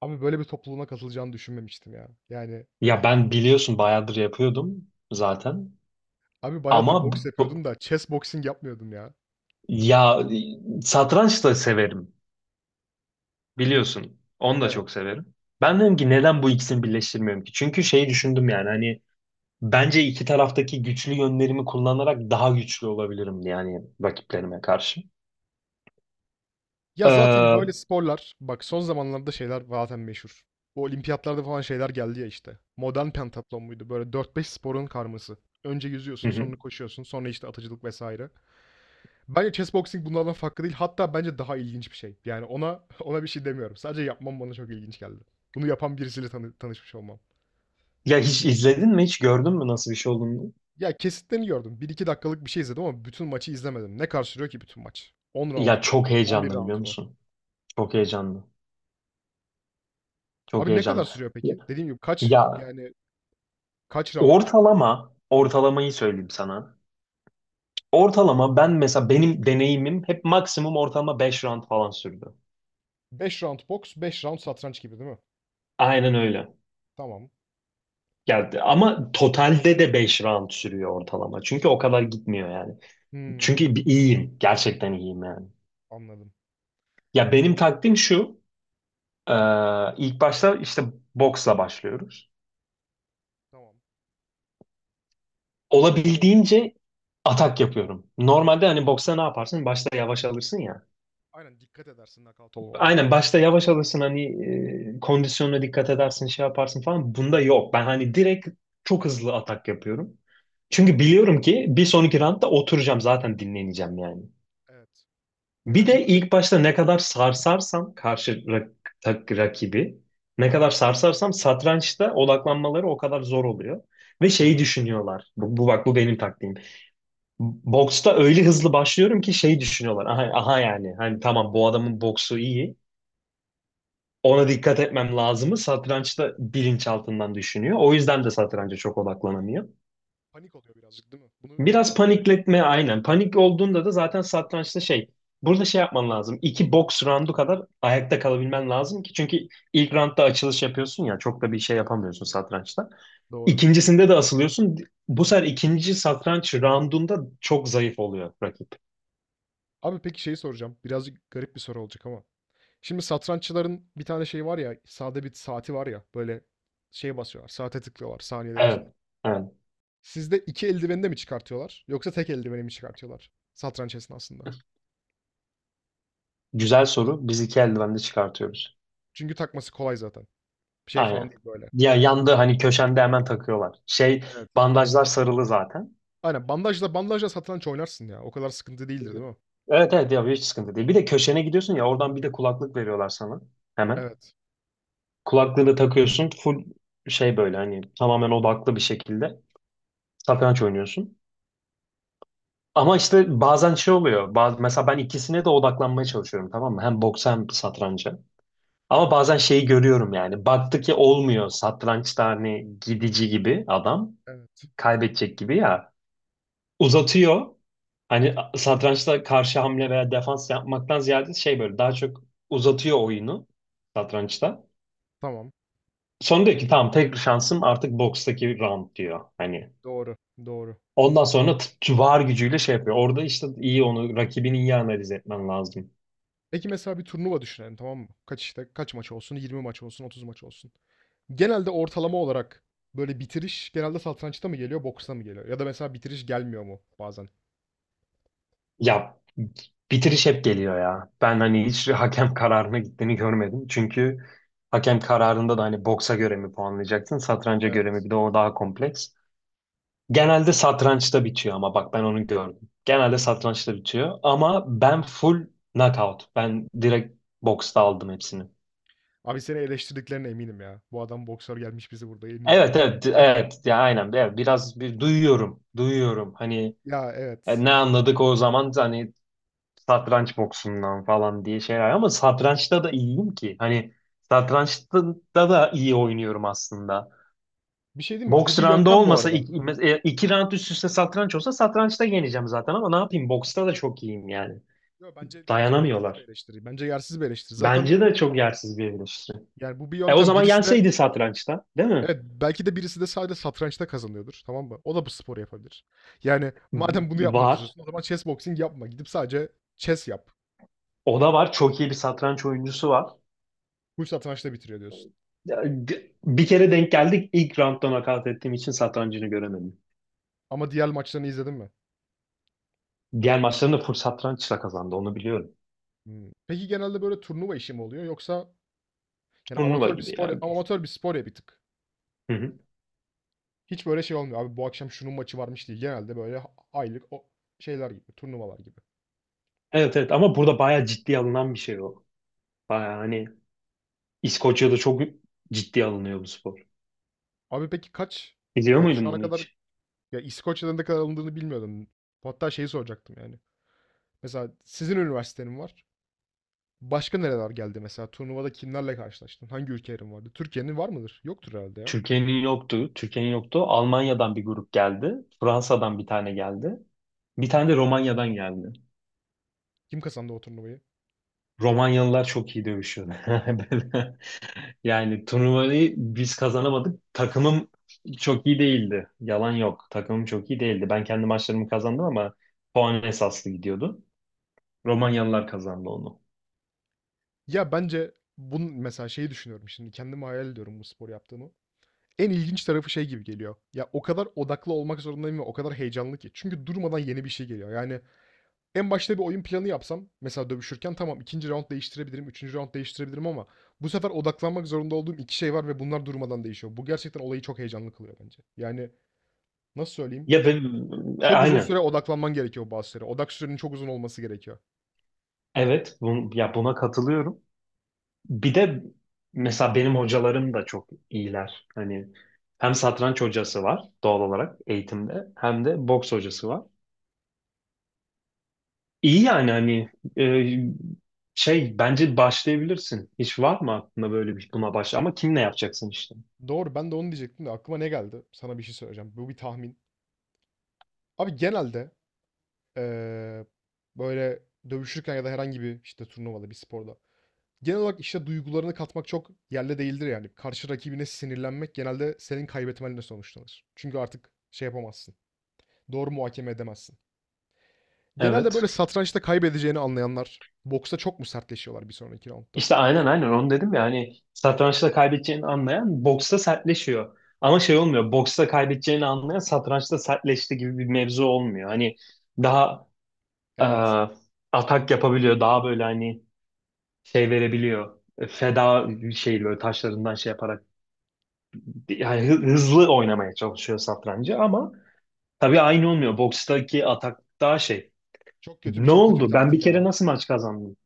Abi böyle bir topluluğuna katılacağını düşünmemiştim ya. Yani Ya ben biliyorsun bayağıdır yapıyordum zaten. abi bayağıdır Ama boks yapıyordum da chess boxing yapmıyordum ya. ya satranç da severim. Biliyorsun. Onu da çok Evet. severim. Ben dedim ki neden bu ikisini birleştirmiyorum ki? Çünkü şeyi düşündüm yani hani bence iki taraftaki güçlü yönlerimi kullanarak daha güçlü olabilirim yani rakiplerime karşı. Ya zaten böyle Hı sporlar bak son zamanlarda şeyler zaten meşhur. Bu olimpiyatlarda falan şeyler geldi ya işte. Modern pentatlon muydu? Böyle dört beş sporun karması. Önce yüzüyorsun, hı. sonra koşuyorsun, sonra işte atıcılık vesaire. Bence chess boxing bunlardan farklı değil. Hatta bence daha ilginç bir şey. Yani ona ona bir şey demiyorum. Sadece yapmam bana çok ilginç geldi. Bunu yapan birisiyle tanışmış olmam. Ya hiç izledin mi? Hiç gördün mü nasıl bir şey olduğunu? Ya kesitlerini gördüm. Bir iki dakikalık bir şey izledim ama bütün maçı izlemedim. Ne kadar sürüyor ki bütün maç? 10 round Ya mu? çok 11 heyecanlı round biliyor mu? musun? Çok heyecanlı. Çok Abi ne kadar heyecanlı. sürüyor Ya, peki? Dediğim gibi kaç ya, yani kaç round? ortalamayı söyleyeyim sana. Ortalama ben mesela benim deneyimim hep maksimum ortalama 5 round falan sürdü. 5 round boks, 5 round satranç gibi değil mi? Aynen öyle. Tamam. Geldi. Ama totalde de 5 round sürüyor ortalama. Çünkü o kadar gitmiyor yani. Hmm, Çünkü iyiyim. Gerçekten iyiyim yani. anladım. Ya benim taktiğim şu. e, ilk başta işte boksla başlıyoruz. Tamam. Olabildiğince atak yapıyorum. Normalde hani boksta ne yaparsın? Başta yavaş alırsın ya. Aynen dikkat edersin nakavt olmamaya. Aynen başta yavaş alırsın hani kondisyonuna dikkat edersin şey yaparsın falan. Bunda yok. Ben hani direkt çok hızlı atak yapıyorum. Çünkü biliyorum ki bir sonraki roundda oturacağım zaten dinleneceğim yani. Evet. Bir Enerjimi de ilk harcamama başta gerek yok. ne kadar sarsarsam karşı rakibi ne kadar sarsarsam satrançta odaklanmaları o kadar zor oluyor. Ve şeyi Doğru. düşünüyorlar. Bu, bak bu benim taktiğim. Boksta öyle hızlı başlıyorum ki şey düşünüyorlar. Aha, aha yani hani tamam bu adamın boksu iyi. Ona dikkat etmem lazımı satrançta bilinçaltından düşünüyor. O yüzden de satranca çok odaklanamıyor. Panik oluyor birazcık değil mi? Biraz Satrançta bitirmen panikletme lazım. aynen. Panik olduğunda da zaten satrançta şey burada şey yapman lazım. 2 box roundu kadar ayakta kalabilmen lazım ki çünkü ilk roundda açılış yapıyorsun ya çok da bir şey Evet. yapamıyorsun satrançta. Doğru. İkincisinde de asılıyorsun. Bu sefer ikinci satranç roundunda çok zayıf oluyor rakip. Abi peki şeyi soracağım. Birazcık garip bir soru olacak ama. Şimdi satranççıların bir tane şey var ya, sade bir saati var ya, böyle şey basıyorlar, saate tıklıyorlar saniyeler içinde. Evet. Evet. Sizde iki eldiveni de mi çıkartıyorlar yoksa tek eldiveni mi çıkartıyorlar satranç esnasında? Güzel soru. Biz iki eldivende çıkartıyoruz. Çünkü takması kolay zaten. Bir şey falan Aynen. değil böyle. Ya yandı Bantla. hani köşende hemen takıyorlar. Şey, Evet. bandajlar sarılı zaten. Aynen bandajla bandajla satranç oynarsın ya. O kadar sıkıntı değildir değil mi? Evet, evet, ya hiç sıkıntı değil. Bir de köşene gidiyorsun ya oradan bir de kulaklık veriyorlar sana hemen. Evet. Kulaklığını takıyorsun full şey böyle hani tamamen odaklı bir şekilde satranç oynuyorsun. Ama işte bazen şey oluyor. Mesela ben ikisine de odaklanmaya çalışıyorum tamam mı? Hem boksa hem satranca. Ama bazen şeyi görüyorum yani. Baktı ki olmuyor satrançta hani gidici gibi adam. Evet. Kaybedecek gibi ya. Uzatıyor. Hani satrançta karşı hamle veya defans yapmaktan ziyade şey böyle daha çok uzatıyor oyunu satrançta. Tamam. Sonra diyor ki tamam tek şansım artık bokstaki round diyor. Hani Doğru. Doğru. ondan sonra var gücüyle şey yapıyor. Orada işte iyi onu rakibini iyi analiz etmen lazım. Peki mesela bir turnuva düşünelim tamam mı? Kaç maç olsun? 20 maç olsun, 30 maç olsun. Genelde ortalama olarak böyle bitiriş genelde satrançta mı geliyor, boksta mı geliyor? Ya da mesela bitiriş gelmiyor mu bazen? Ya bitiriş hep geliyor ya. Ben hani hiç hakem kararına gittiğini görmedim. Çünkü hakem kararında da hani boksa göre mi puanlayacaksın, satranca göre mi? Evet. Bir de o daha kompleks. Genelde satrançta bitiyor ama bak ben onu gördüm. Genelde Hımm. satrançta bitiyor ama ben full knockout. Ben direkt boksta aldım hepsini. Abi seni eleştirdiklerine eminim ya. Bu adam boksör gelmiş bizi burada yeniyor. Evet, evet, evet, ya aynen, evet, biraz bir duyuyorum hani Ya, evet. ne anladık o zaman hani satranç boksundan falan diye şeyler ama satrançta da iyiyim ki hani satrançta da iyi oynuyorum aslında. Bir şey değil mi? Bu Boks bir roundu yöntem bu olmasa arada. iki round üst üste satranç olsa satrançta yeneceğim zaten ama ne yapayım boksta da çok iyiyim yani. Yo, bence yersiz bir Dayanamıyorlar. eleştiri. Bence yersiz bir eleştiri. Zaten Bence de çok yersiz bir eleştiri. yani bu bir E o yöntem. zaman Birisi de yenseydi satrançta, değil mi? evet, belki de birisi de sadece satrançta kazanıyordur, tamam mı? O da bu sporu yapabilir. Yani madem bunu yapmak Var. istiyorsun o zaman chess boxing yapma. Gidip sadece chess yap. O da var. Çok iyi bir satranç oyuncusu var. Bu satrançta bitiriyor diyorsun. Bir kere denk geldik. İlk roundda nakat ettiğim için satrancını göremedim. Ama diğer maçlarını izledin mi? Diğer maçlarında full satrançla kazandı. Onu biliyorum. Hımm. Peki genelde böyle turnuva işi mi oluyor yoksa yani Turnuva amatör bir gibi ya. spor amatör bir spor ya bir tık. Hı hı. Hiç böyle şey olmuyor, abi bu akşam şunun maçı varmış değil. Genelde böyle ha aylık o şeyler gibi, turnuvalar gibi. Evet, evet, ama burada bayağı ciddiye alınan bir şey o. Bayağı hani İskoçya'da çok ciddiye alınıyor bu spor. Abi peki kaç Biliyor yani şu muydun ana bunu kadar hiç? ya İskoçya'da ne kadar alındığını bilmiyordum. Hatta şeyi soracaktım yani. Mesela sizin üniversitenin var. Başka nereler geldi mesela? Turnuvada kimlerle karşılaştın? Hangi ülkelerin vardı? Türkiye'nin var mıdır? Yoktur herhalde ya. Türkiye'nin yoktu. Türkiye'nin yoktu. Almanya'dan bir grup geldi. Fransa'dan bir tane geldi. Bir tane de Romanya'dan geldi. Kim kazandı o turnuvayı? Romanyalılar çok iyi dövüşüyor. Böyle, yani turnuvayı biz kazanamadık. Takımım çok iyi değildi. Yalan yok. Takımım çok iyi değildi. Ben kendi maçlarımı kazandım ama puan esaslı gidiyordu. Romanyalılar kazandı onu. Ya, bence bunun mesela şeyi düşünüyorum şimdi, kendimi hayal ediyorum bu spor yaptığımı. En ilginç tarafı şey gibi geliyor. Ya, o kadar odaklı olmak zorundayım ve o kadar heyecanlı ki. Çünkü durmadan yeni bir şey geliyor. Yani en başta bir oyun planı yapsam mesela dövüşürken tamam ikinci raund değiştirebilirim, üçüncü raund değiştirebilirim ama bu sefer odaklanmak zorunda olduğum 2 şey var ve bunlar durmadan değişiyor. Bu gerçekten olayı çok heyecanlı kılıyor bence. Yani, nasıl söyleyeyim? Ya ben, Çok uzun süre aynen. odaklanman gerekiyor bazı şeylere. Odak sürenin çok uzun olması gerekiyor. Evet, ya buna katılıyorum. Bir de mesela benim hocalarım da çok iyiler. Hani hem satranç hocası var doğal olarak eğitimde hem de boks hocası var. İyi yani hani e, şey bence başlayabilirsin. Hiç var mı aklında böyle bir buna başla ama kimle yapacaksın işte? Doğru. Ben de onu diyecektim de aklıma ne geldi? Sana bir şey söyleyeceğim. Bu bir tahmin. Abi genelde eee, böyle dövüşürken ya da herhangi bir işte turnuvada bir sporda genel olarak işte duygularını katmak çok yerli değildir yani. Karşı rakibine sinirlenmek genelde senin kaybetmenle sonuçlanır. Çünkü artık şey yapamazsın. Doğru muhakeme edemezsin. Genelde böyle Evet. satrançta kaybedeceğini anlayanlar boksta çok mu sertleşiyorlar bir sonraki roundda? İşte Bu aynen se- aynen onu dedim ya hani satrançta kaybedeceğini anlayan boksta sertleşiyor. Ama şey olmuyor, boksta kaybedeceğini anlayan satrançta sertleşti gibi bir mevzu olmuyor. Hani daha e, Evet. atak yapabiliyor. Daha böyle hani şey verebiliyor. Feda şey böyle taşlarından şey yaparak yani hızlı oynamaya çalışıyor satrancı Anladım. ama tabii aynı olmuyor. Bokstaki atak daha şey. Çok kötü bir, Ne çok kötü bir oldu? Ben bir taktik kere ya. nasıl maç kazandım?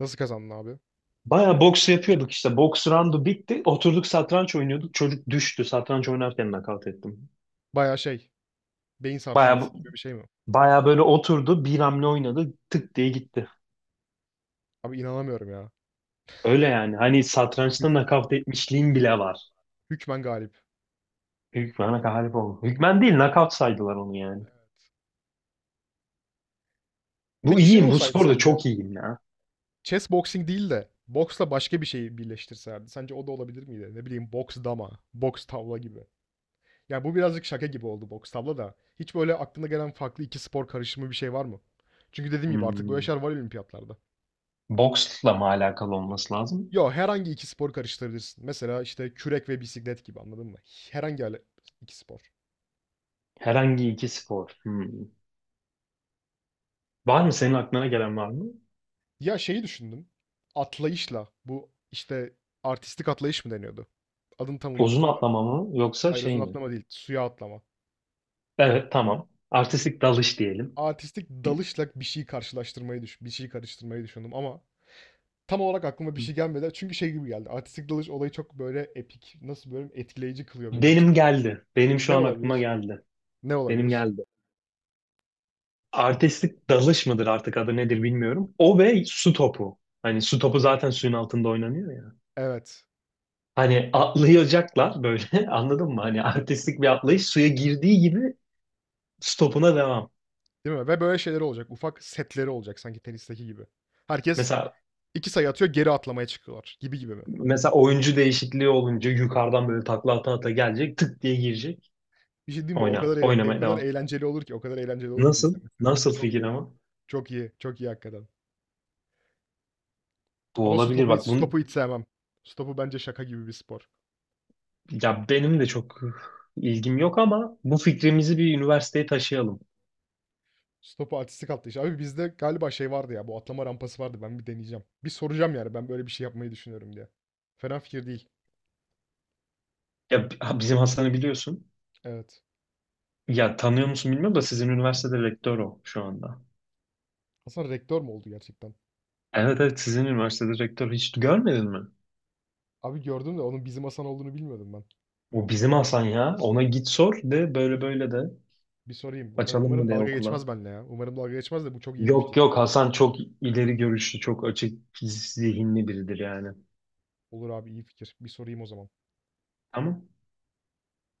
Nasıl kazandın abi? Baya boks yapıyorduk işte. Boks roundu bitti. Oturduk satranç oynuyorduk. Çocuk düştü. Satranç oynarken nakavt ettim. Bayağı şey, beyin Baya sarsıntısı gibi bir şey mi? baya böyle oturdu. Bir hamle oynadı. Tık diye gitti. Abi inanamıyorum ya. Öyle yani. Hani satrançta nakavt etmişliğim bile var. Hükmen galip. Hükmen'e galip oldu. Hükmen değil, knockout saydılar onu yani. Bu Peki şey iyiyim, bu olsaydı sporda sence? çok iyiyim ya. Chess boxing değil de boksla başka bir şeyi birleştirselerdi. Sence o da olabilir miydi? Ne bileyim boks dama, boks tavla gibi. Yani bu birazcık şaka gibi oldu boks tavla da. Hiç böyle aklına gelen farklı iki spor karışımı bir şey var mı? Çünkü dediğim gibi artık böyle şeyler Hmm. var olimpiyatlarda. Boksla mı alakalı olması lazım? Yo herhangi iki spor karıştırabilirsin. Mesela işte kürek ve bisiklet gibi anladın mı? Herhangi ale- iki spor. Herhangi iki spor. Hmm. Var mı senin aklına gelen var mı? Ya şeyi düşündüm. Atlayışla bu işte artistik atlayış mı deniyordu? Adını tam Uzun unuttum da. atlama mı yoksa Aerozun şey mi? atlama değil, suya atlama. Evet, tamam. Artistik dalış diyelim. Artistik dalışla bir şey karıştırmayı düşündüm ama tam olarak aklıma bir şey gelmedi. Çünkü şey gibi geldi. Artistik dalış olayı çok böyle epik, nasıl böyle etkileyici kılıyor benim için. Benim geldi. Benim şu Ne an aklıma olabilir? geldi. Ne Benim olabilir? geldi. Artistik dalış mıdır artık adı nedir bilmiyorum. O ve su topu. Hani su topu zaten suyun altında oynanıyor ya. Evet. Hani atlayacaklar böyle anladın mı? Hani artistik bir atlayış suya girdiği gibi stopuna devam. Değil mi? Ve böyle şeyler olacak. Ufak setleri olacak sanki tenisteki gibi. Herkes Mesela iki sayı atıyor, geri atlamaya çıkıyorlar gibi gibi mi? mesela oyuncu değişikliği olunca yukarıdan böyle takla ata ata gelecek tık diye girecek. Bir şey diyeyim mi? Oyna, O oynamaya kadar devam. eğlenceli olur ki, o kadar eğlenceli olur ki Nasıl? izlemesi. Nasıl Çok fikir iyi. ama? Çok iyi. Çok iyi hakikaten. Bu Ama olabilir bak su topu bunu hiç sevmem. Su topu bence şaka gibi bir spor. ya benim de çok ilgim yok ama bu fikrimizi bir üniversiteye taşıyalım. Stopu artistik attı işte. Abi bizde galiba şey vardı ya. Bu atlama rampası vardı. Ben bir deneyeceğim. Bir soracağım yani. Ben böyle bir şey yapmayı düşünüyorum diye. Fena fikir değil. Bizim Hasan'ı biliyorsun. Evet. Ya tanıyor musun bilmiyorum da sizin üniversitede rektör o şu anda. Hasan rektör mü oldu gerçekten? Evet, evet, sizin üniversitede rektör, hiç görmedin mi? Abi gördüm de onun bizim Hasan olduğunu bilmiyordum ben. O bizim Hasan ya. Ona git sor, de böyle böyle, de Bir sorayım. Açalım Umarım mı de dalga okula. geçmez benimle ya. Umarım dalga geçmez de bu çok iyi bir Yok, fikir. yok, Hasan çok ileri görüşlü, çok açık zihinli biridir yani. Olur abi iyi fikir. Bir sorayım o zaman. Tamam.